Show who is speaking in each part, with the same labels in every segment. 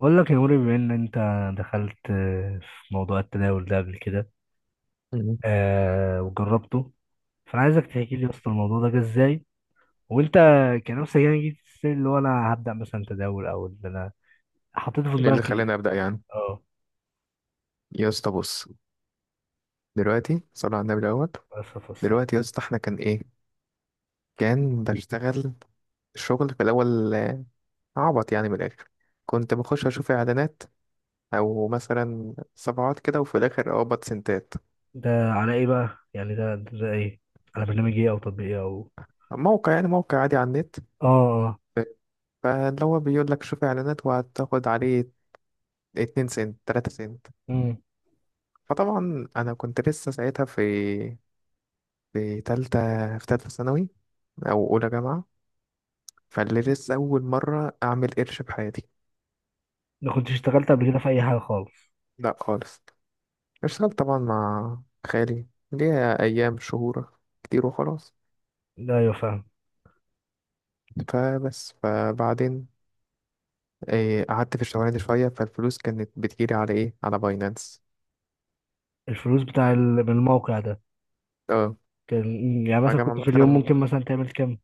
Speaker 1: بقول لك يا نوري، بما ان انت دخلت في موضوع التداول ده قبل كده.
Speaker 2: مم.
Speaker 1: آه، وجربته. فانا عايزك تحكي لي اصلا الموضوع ده جه ازاي، وانت كنفسك يعني جيت السن اللي هو انا هبدا مثلا تداول، او ان انا حطيته في
Speaker 2: ايه اللي
Speaker 1: دماغك ليه؟
Speaker 2: خلاني ابدا يعني؟
Speaker 1: اه.
Speaker 2: يا اسطى بص، دلوقتي صلى على النبي الاول.
Speaker 1: بس فصل.
Speaker 2: دلوقتي يا اسطى احنا كان ايه، كان بشتغل الشغل في الاول. عبط يعني من الاخر. كنت بخش اشوف اعلانات او مثلا صفحات كده، وفي الاخر اقبض سنتات.
Speaker 1: ده على ايه بقى؟ يعني ده ده ايه؟ على برنامج ايه او تطبيق ايه او.
Speaker 2: موقع، يعني موقع عادي على النت.
Speaker 1: اه. اه.
Speaker 2: فاللي هو بيقول لك شوف اعلانات وهتاخد عليه 2 سنت 3 سنت.
Speaker 1: امم.
Speaker 2: فطبعا انا كنت لسه ساعتها في تالتة في تالتة ثانوي او اولى جامعة. فاللي لسه أول مرة أعمل قرش بحياتي.
Speaker 1: ما كنتش اشتغلت قبل كده في اي حاجه خالص؟
Speaker 2: لا خالص، اشتغلت طبعا مع خالي ليا أيام شهور كتير وخلاص.
Speaker 1: لا، ايوه، فاهم.
Speaker 2: فبعدين قعدت في الشغلانة دي شوية، فالفلوس كانت بتجيلي على إيه، على باينانس.
Speaker 1: الفلوس بتاع من الموقع ده؟
Speaker 2: اه
Speaker 1: كان، يعني مثلا
Speaker 2: أجمع
Speaker 1: كنت في اليوم
Speaker 2: مثلا،
Speaker 1: ممكن مثلا تعمل كام؟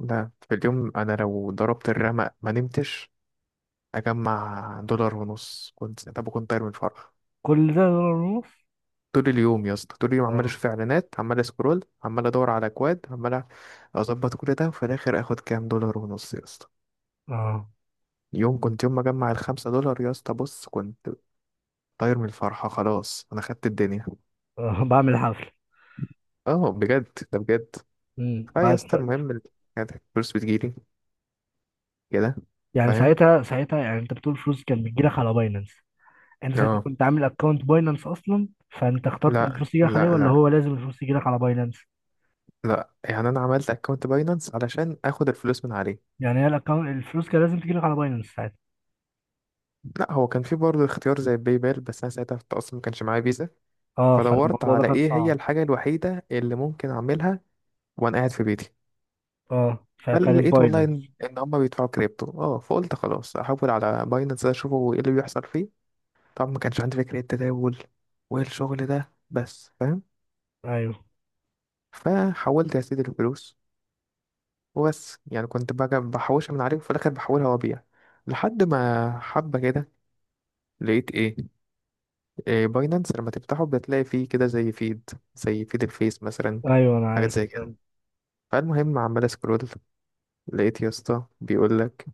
Speaker 2: لا في اليوم أنا لو ضربت الرمق ما نمتش أجمع دولار ونص، كنت طب كنت طاير من الفرح.
Speaker 1: كل ده دولار ونص؟
Speaker 2: طول اليوم يا اسطى، طول اليوم عمال
Speaker 1: اه.
Speaker 2: اشوف اعلانات، عمال اسكرول، عمال ادور على اكواد، عمال اظبط كل ده، وفي الاخر اخد كام، دولار ونص يا اسطى.
Speaker 1: اه.
Speaker 2: يوم كنت يوم ما اجمع الخمسة دولار يا اسطى بص، كنت طاير من الفرحة، خلاص انا خدت الدنيا.
Speaker 1: آه، بعمل حفل.
Speaker 2: اه بجد، ده بجد.
Speaker 1: امم
Speaker 2: اه يا
Speaker 1: بعد-
Speaker 2: اسطى،
Speaker 1: ف-
Speaker 2: المهم كانت الفلوس بتجيلي كده.
Speaker 1: يعني
Speaker 2: فاهم.
Speaker 1: ساعتها يعني انت بتقول فلوس كان بتجيلك على باينانس، انت ساعتها
Speaker 2: اه،
Speaker 1: كنت عامل اكونت باينانس اصلا؟ فانت اخترت
Speaker 2: لا
Speaker 1: الفلوس تجيلك عليه،
Speaker 2: لا
Speaker 1: ولا
Speaker 2: لا،
Speaker 1: هو لازم الفلوس تجيلك على باينانس؟
Speaker 2: لا يعني انا عملت اكونت باينانس علشان اخد الفلوس من عليه.
Speaker 1: يعني هي الاكونت الفلوس كان لازم تجيلك على باينانس ساعتها؟
Speaker 2: لا هو كان في برضه اختيار زي باي بال، بس انا ساعتها في التقسيط ما كانش معايا فيزا.
Speaker 1: اه،
Speaker 2: فدورت
Speaker 1: فالموضوع ده
Speaker 2: على
Speaker 1: كان
Speaker 2: ايه هي
Speaker 1: صعب.
Speaker 2: الحاجة الوحيدة اللي ممكن اعملها وانا قاعد في بيتي.
Speaker 1: اه، فكان
Speaker 2: فلقيت والله ان
Speaker 1: باينانس.
Speaker 2: إن هما بيدفعوا كريبتو، اه فقلت خلاص احول على باينانس اشوفه ايه اللي بيحصل فيه. طبعا ما كانش عندي فكرة التداول والشغل ده، بس فاهم.
Speaker 1: ايوه،
Speaker 2: فحولت يا سيدي الفلوس، وبس يعني كنت بقى بحوشها من عليه، وفي الاخر بحولها وابيع. لحد ما حبة كده لقيت ايه، إيه باينانس لما تفتحه بتلاقي فيه كده زي فيد، الفيس مثلا.
Speaker 1: ايوه، انا
Speaker 2: حاجات
Speaker 1: عارف.
Speaker 2: زي كده. فالمهم عمال اسكرول، لقيت يا اسطى بيقول لك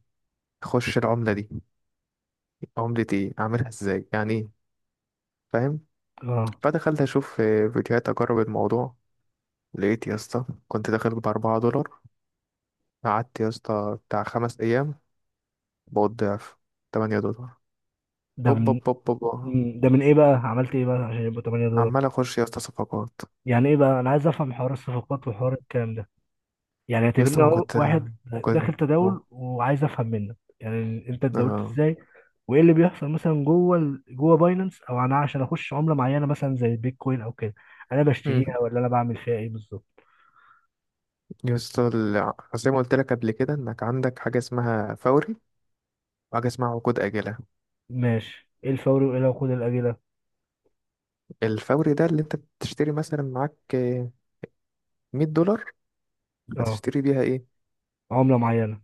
Speaker 2: خش العملة دي، عملة ايه، اعملها ازاي، يعني ايه، فاهم.
Speaker 1: اه.
Speaker 2: فدخلت اشوف فيديوهات، اجرب الموضوع. لقيت يا اسطى كنت داخل بأربعة دولار، قعدت يا اسطى بتاع خمس ايام، بقيت ضعف، تمانية دولار.
Speaker 1: ده من.
Speaker 2: اوب اوب اوب اوب،
Speaker 1: مم، ده من ايه بقى؟ عملت ايه بقى عشان يبقى 8 دولار؟
Speaker 2: عمال اخش يا اسطى صفقات.
Speaker 1: يعني ايه بقى؟ انا عايز افهم حوار الصفقات وحوار الكلام ده. يعني
Speaker 2: يا
Speaker 1: اعتبرني
Speaker 2: اسطى ما
Speaker 1: هو
Speaker 2: كنت
Speaker 1: واحد
Speaker 2: ممكن
Speaker 1: داخل تداول وعايز افهم منك يعني انت اتداولت
Speaker 2: آه.
Speaker 1: ازاي، وايه اللي بيحصل مثلا جوه جوه باينانس؟ او انا عشان اخش عمله معينه مثلا زي البيتكوين او كده، انا
Speaker 2: مم.
Speaker 1: بشتريها ولا انا بعمل فيها ايه بالظبط؟
Speaker 2: يا اسطى زي ما قلت لك قبل كده، انك عندك حاجة اسمها فوري، وحاجة اسمها عقود آجلة.
Speaker 1: ماشي، ايه الفوري وايه العقود الاجله؟
Speaker 2: الفوري ده اللي انت بتشتري مثلا معاك $100،
Speaker 1: اه.
Speaker 2: هتشتري بيها ايه،
Speaker 1: عمله معينه.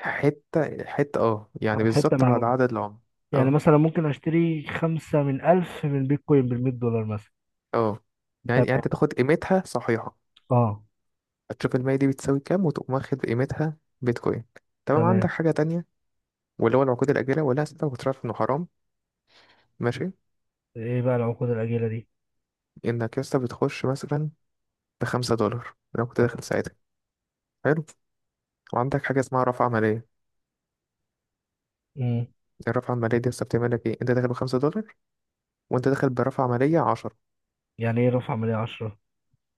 Speaker 2: حته حته، اه
Speaker 1: او
Speaker 2: يعني
Speaker 1: حته
Speaker 2: بالظبط
Speaker 1: من
Speaker 2: على
Speaker 1: عمله.
Speaker 2: عدد العمر.
Speaker 1: يعني
Speaker 2: اه
Speaker 1: مثلا ممكن اشتري 5 من ألف من بيتكوين ب 100 دولار مثلا.
Speaker 2: اه، يعني يعني
Speaker 1: تمام.
Speaker 2: انت تاخد قيمتها صحيحه،
Speaker 1: اه.
Speaker 2: هتشوف المية دي بتساوي كام، وتقوم واخد قيمتها بيتكوين. تمام، عندك
Speaker 1: تمام.
Speaker 2: حاجه تانية واللي هو العقود الاجله، ولا انت كنت عارف انه حرام؟ ماشي،
Speaker 1: ايه بقى العقود الاجله دي؟
Speaker 2: انك يا اسطى بتخش مثلا بخمسة دولار لو كنت داخل
Speaker 1: تمام.
Speaker 2: ساعتها. حلو، وعندك حاجه اسمها رفع عمليه.
Speaker 1: امم.
Speaker 2: الرفع العمليه دي يا اسطى بتعمل لك ايه، انت داخل بخمسة دولار وانت داخل برفع عمليه 10.
Speaker 1: يعني ايه رفع عمليه 10؟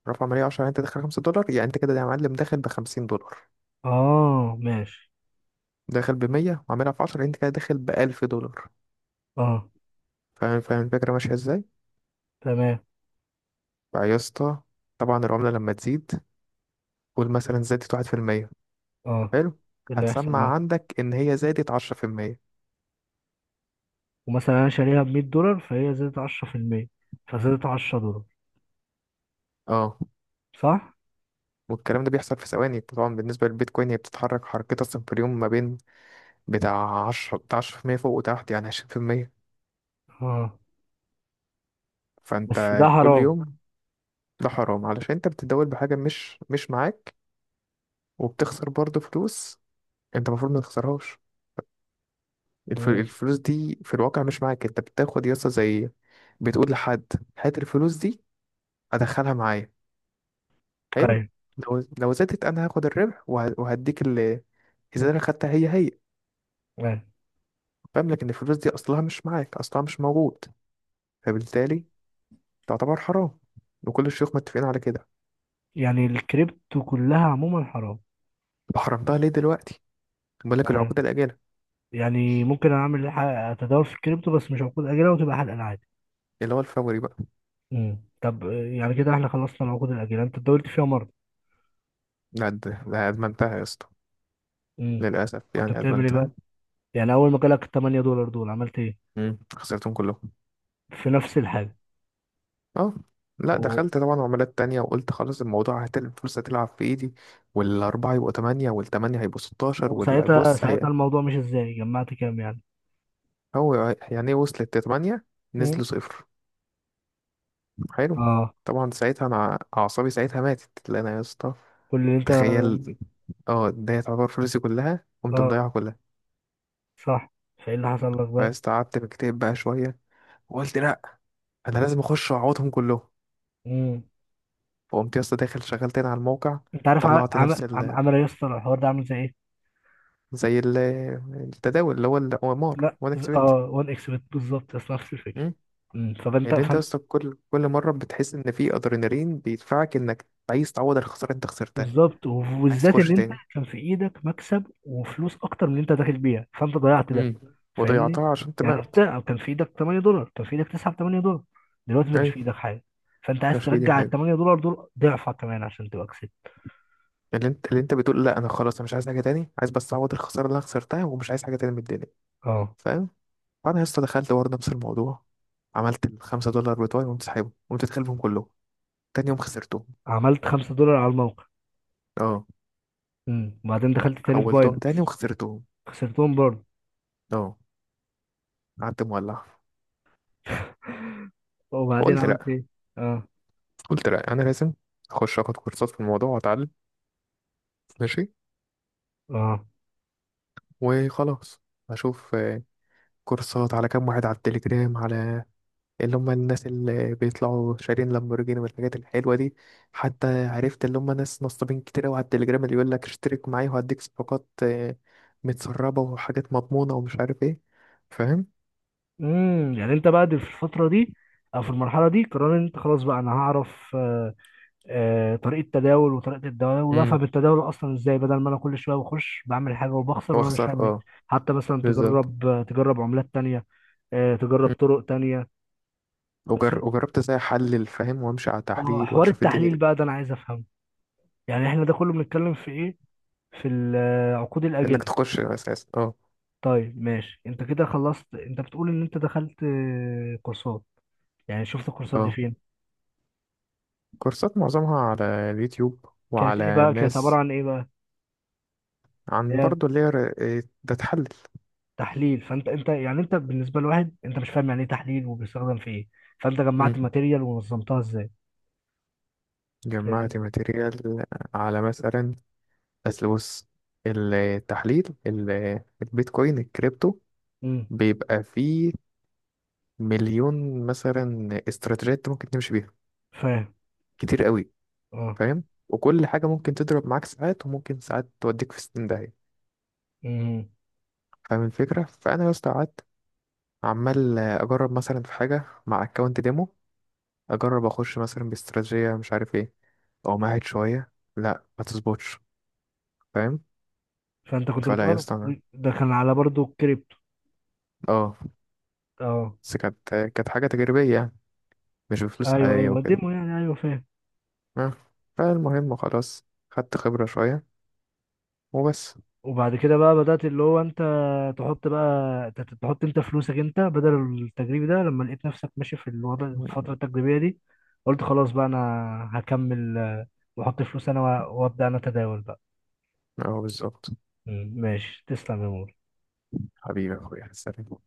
Speaker 2: رفع عمليه 10، انت داخل $5، يعني انت كده يا معلم داخل ب $50.
Speaker 1: اه، ماشي.
Speaker 2: داخل بمية وعاملها في عشرة، انت كده داخل بألف دولار.
Speaker 1: اه.
Speaker 2: فاهم، فاهم الفكرة ماشية ازاي؟
Speaker 1: تمام.
Speaker 2: فيا اسطى، طبعا العملة لما تزيد، قول مثلا زادت واحد في المية.
Speaker 1: اه.
Speaker 2: حلو،
Speaker 1: إيه اللي هيحصل
Speaker 2: هتسمع
Speaker 1: بقى؟
Speaker 2: عندك ان هي زادت عشرة في المية.
Speaker 1: ومثلا انا شاريها ب 100 دولار، فهي زادت 10%، فزادت 10 دولار.
Speaker 2: اه،
Speaker 1: صح.
Speaker 2: والكلام ده بيحصل في ثواني. طبعا بالنسبة للبيتكوين هي بتتحرك حركتها اصلا في اليوم ما بين بتاع عشرة، عشرة في المية فوق وتحت، يعني عشرين في المية.
Speaker 1: اه،
Speaker 2: فانت
Speaker 1: بس ده
Speaker 2: كل
Speaker 1: حرام.
Speaker 2: يوم، ده حرام علشان انت بتتداول بحاجة مش معاك، وبتخسر برضه فلوس انت المفروض ما تخسرهاش.
Speaker 1: مم.
Speaker 2: الفلوس دي في الواقع مش معاك. انت بتاخد يسطا زي بتقول لحد هات الفلوس دي ادخلها معايا، حلو،
Speaker 1: ايوه،
Speaker 2: لو زادت انا هاخد الربح وهديك ال، اذا انا خدتها هي هي.
Speaker 1: ايوه.
Speaker 2: فاهم، لكن الفلوس دي اصلها مش معاك، اصلها مش موجود، فبالتالي تعتبر حرام، وكل الشيوخ متفقين على كده.
Speaker 1: يعني الكريبتو كلها عموما حرام؟
Speaker 2: طب حرمتها ليه دلوقتي، بقول لك
Speaker 1: يعني
Speaker 2: العقود الاجله،
Speaker 1: يعني ممكن اعمل اتداول في الكريبتو بس مش عقود اجله، وتبقى حلقه عادي؟
Speaker 2: اللي هو الفوري بقى.
Speaker 1: مم. طب آه، يعني كده احنا خلصنا العقود الاجله، انت اتداولت فيها مره؟
Speaker 2: لا ده ادمنتها يا اسطى،
Speaker 1: مم.
Speaker 2: للاسف
Speaker 1: كنت
Speaker 2: يعني
Speaker 1: بتعمل ايه بقى؟
Speaker 2: ادمنتها.
Speaker 1: يعني اول ما جالك 8 دولار دول عملت ايه؟
Speaker 2: مم. خسرتهم كلهم.
Speaker 1: في نفس الحاجه؟
Speaker 2: اه، لا دخلت طبعا عملات تانية، وقلت خلاص الموضوع هتل الفرصة تلعب في ايدي، والأربعة يبقوا تمانية، والتمانية هيبقوا ستاشر،
Speaker 1: وساعتها
Speaker 2: والبص هي
Speaker 1: الموضوع مش ازاي جمعت كام يعني.
Speaker 2: هو، يعني ايه وصلت لتمانية
Speaker 1: مم.
Speaker 2: نزلوا صفر. حلو،
Speaker 1: اه.
Speaker 2: طبعا ساعتها أنا أعصابي ساعتها ماتت، لأن أنا يا اسطى
Speaker 1: كل اللي انت.
Speaker 2: تخيل، اه ده تعتبر فلوسي كلها قمت
Speaker 1: اه،
Speaker 2: مضيعها كلها.
Speaker 1: صح. فايه اللي حصل لك بقى؟
Speaker 2: فاستقعدت مكتئب بقى شوية، وقلت لأ، أنا لازم أخش وأعوضهم كلهم.
Speaker 1: مم.
Speaker 2: فقمت يا اسطى داخل شغال تاني على الموقع،
Speaker 1: انت عارف
Speaker 2: طلعت نفس
Speaker 1: عمل يا اسطى الحوار ده عامل زي ايه؟
Speaker 2: زي التداول اللي هو الأمار،
Speaker 1: لا،
Speaker 2: وأنا كسبت.
Speaker 1: اه، 1 اكس بت بالظبط، بس نفس الفكره.
Speaker 2: مم.
Speaker 1: مم. فانت
Speaker 2: اللي أنت
Speaker 1: فانت
Speaker 2: أصلا كل مرة بتحس إن في أدرينالين بيدفعك إنك عايز تعوض الخسارة اللي أنت خسرتها،
Speaker 1: بالظبط،
Speaker 2: عايز
Speaker 1: وبالذات ان
Speaker 2: تخش
Speaker 1: انت
Speaker 2: تاني.
Speaker 1: كان في ايدك مكسب وفلوس اكتر من اللي انت داخل بيها، فانت ضيعت ده.
Speaker 2: امم،
Speaker 1: فاهمني؟
Speaker 2: وضيعتها عشان
Speaker 1: يعني انت
Speaker 2: طمعت.
Speaker 1: كان في ايدك 8 دولار، كان في ايدك 9 ب 8 دولار، دلوقتي انت مش في
Speaker 2: أيوة،
Speaker 1: ايدك حاجه. فانت عايز
Speaker 2: مش في دي
Speaker 1: ترجع ال
Speaker 2: حاجة،
Speaker 1: 8 دولار دول ضعفها كمان عشان تبقى كسبت.
Speaker 2: اللي أنت اللي أنت بتقول لأ أنا خلاص أنا مش عايز حاجة تاني، عايز بس أعوض الخسارة اللي أنا خسرتها، ومش عايز حاجة تاني من الدنيا.
Speaker 1: اه.
Speaker 2: فاهم. فأنا لسه دخلت برضه نفس الموضوع، عملت الخمسة دولار بتوعي، وقمت سحبهم وقمت داخلهم كلهم، تاني يوم خسرتهم.
Speaker 1: عملت 5 دولار على الموقع.
Speaker 2: اه،
Speaker 1: امم، وبعدين دخلت تاني في
Speaker 2: حولتهم تاني
Speaker 1: باينانس.
Speaker 2: وخسرتهم.
Speaker 1: خسرتهم برضه.
Speaker 2: اه، قعدت مولع.
Speaker 1: وبعدين
Speaker 2: فقلت
Speaker 1: عملت
Speaker 2: لا،
Speaker 1: ايه؟ اه.
Speaker 2: قلت لا انا لازم اخش اخد كورسات في الموضوع واتعلم. ماشي،
Speaker 1: اه.
Speaker 2: وخلاص اشوف كورسات على كام واحد على التليجرام، على اللي هم الناس اللي بيطلعوا شارين لامبورجيني والحاجات الحلوه دي. حتى عرفت اللي هم ناس نصابين كتير قوي على التليجرام، اللي يقول لك اشترك معايا وهديك صفقات متسربه وحاجات مضمونه ومش عارف ايه. فاهم.
Speaker 1: امم. يعني انت بقى دي في الفترة دي او في المرحلة دي قرار ان انت خلاص بقى انا هعرف آه، آه طريقة تداول، وطريقة التداول،
Speaker 2: امم،
Speaker 1: وافهم التداول اصلا ازاي، بدل ما انا كل شوية بخش بعمل حاجة وبخسر وانا مش
Speaker 2: واخسر
Speaker 1: فاهم ايه.
Speaker 2: اه.
Speaker 1: حتى مثلا
Speaker 2: بالظبط.
Speaker 1: تجرب، تجرب عملات تانية. آه، تجرب
Speaker 2: مم.
Speaker 1: طرق تانية. بس انت.
Speaker 2: وجربت ازاي احلل، فاهم، وامشي على
Speaker 1: اه،
Speaker 2: تحليل
Speaker 1: حوار
Speaker 2: واشوف الدنيا
Speaker 1: التحليل
Speaker 2: دي.
Speaker 1: بقى ده انا عايز افهمه. يعني احنا ده كله بنتكلم في ايه؟ في العقود الاجله؟
Speaker 2: انك تخش اساسا اه.
Speaker 1: طيب ماشي، انت كده خلصت. انت بتقول ان انت دخلت آه، كورسات. يعني شفت الكورسات دي
Speaker 2: اه
Speaker 1: فين؟
Speaker 2: كورسات معظمها على اليوتيوب
Speaker 1: كانت ايه
Speaker 2: وعلى
Speaker 1: بقى؟ كانت عبارة
Speaker 2: ناس.
Speaker 1: عن ايه بقى؟
Speaker 2: عن
Speaker 1: اللي هي
Speaker 2: برضو اللي هي ر- إيه، ده تحلل.
Speaker 1: تحليل. فانت، انت يعني انت بالنسبة لواحد انت مش فاهم يعني ايه تحليل وبيستخدم في ايه، فانت
Speaker 2: مم.
Speaker 1: جمعت ماتيريال ونظمتها ازاي؟
Speaker 2: جمعت
Speaker 1: فاهمني؟
Speaker 2: ماتيريال على مثلا، أصل بص، التحليل البيتكوين الكريبتو
Speaker 1: امم.
Speaker 2: بيبقى فيه مليون مثلا استراتيجيات ممكن تمشي بيها،
Speaker 1: فاهم.
Speaker 2: كتير قوي.
Speaker 1: اه.
Speaker 2: فاهم، وكل حاجة ممكن تضرب معاك ساعات، وممكن ساعات توديك في 60 داهية.
Speaker 1: امم.
Speaker 2: فاهم الفكرة، فأنا يا اسطى قعدت عمال أجرب مثلا في حاجة مع أكونت ديمو. اجرب اخش مثلا باستراتيجيه مش عارف ايه، او معهد شويه، لا ما تظبطش. فاهم.
Speaker 1: فانت كنت
Speaker 2: فلا يا
Speaker 1: بتقرا.
Speaker 2: اسطى أنا-
Speaker 1: ده كان على برضو الكريبتو؟
Speaker 2: اه
Speaker 1: اه.
Speaker 2: بس كانت حاجه تجريبيه يعني، مش بفلوس
Speaker 1: ايوه،
Speaker 2: حقيقيه
Speaker 1: ايوه،
Speaker 2: وكده.
Speaker 1: ديمو، يعني ايوه فاهم.
Speaker 2: آه. فالمهم خلاص، خدت خبره شويه وبس.
Speaker 1: وبعد كده بقى بدأت اللي هو انت تحط بقى تحط انت فلوسك انت بدل التجريبي ده، لما لقيت نفسك ماشي في الوضع، الفترة التجريبية دي قلت خلاص بقى انا هكمل آه، واحط فلوس انا وابدأ انا اتداول بقى.
Speaker 2: اه بالظبط.
Speaker 1: مم، ماشي، تسلم يا مو.
Speaker 2: حبيبي يا اخويا سلام.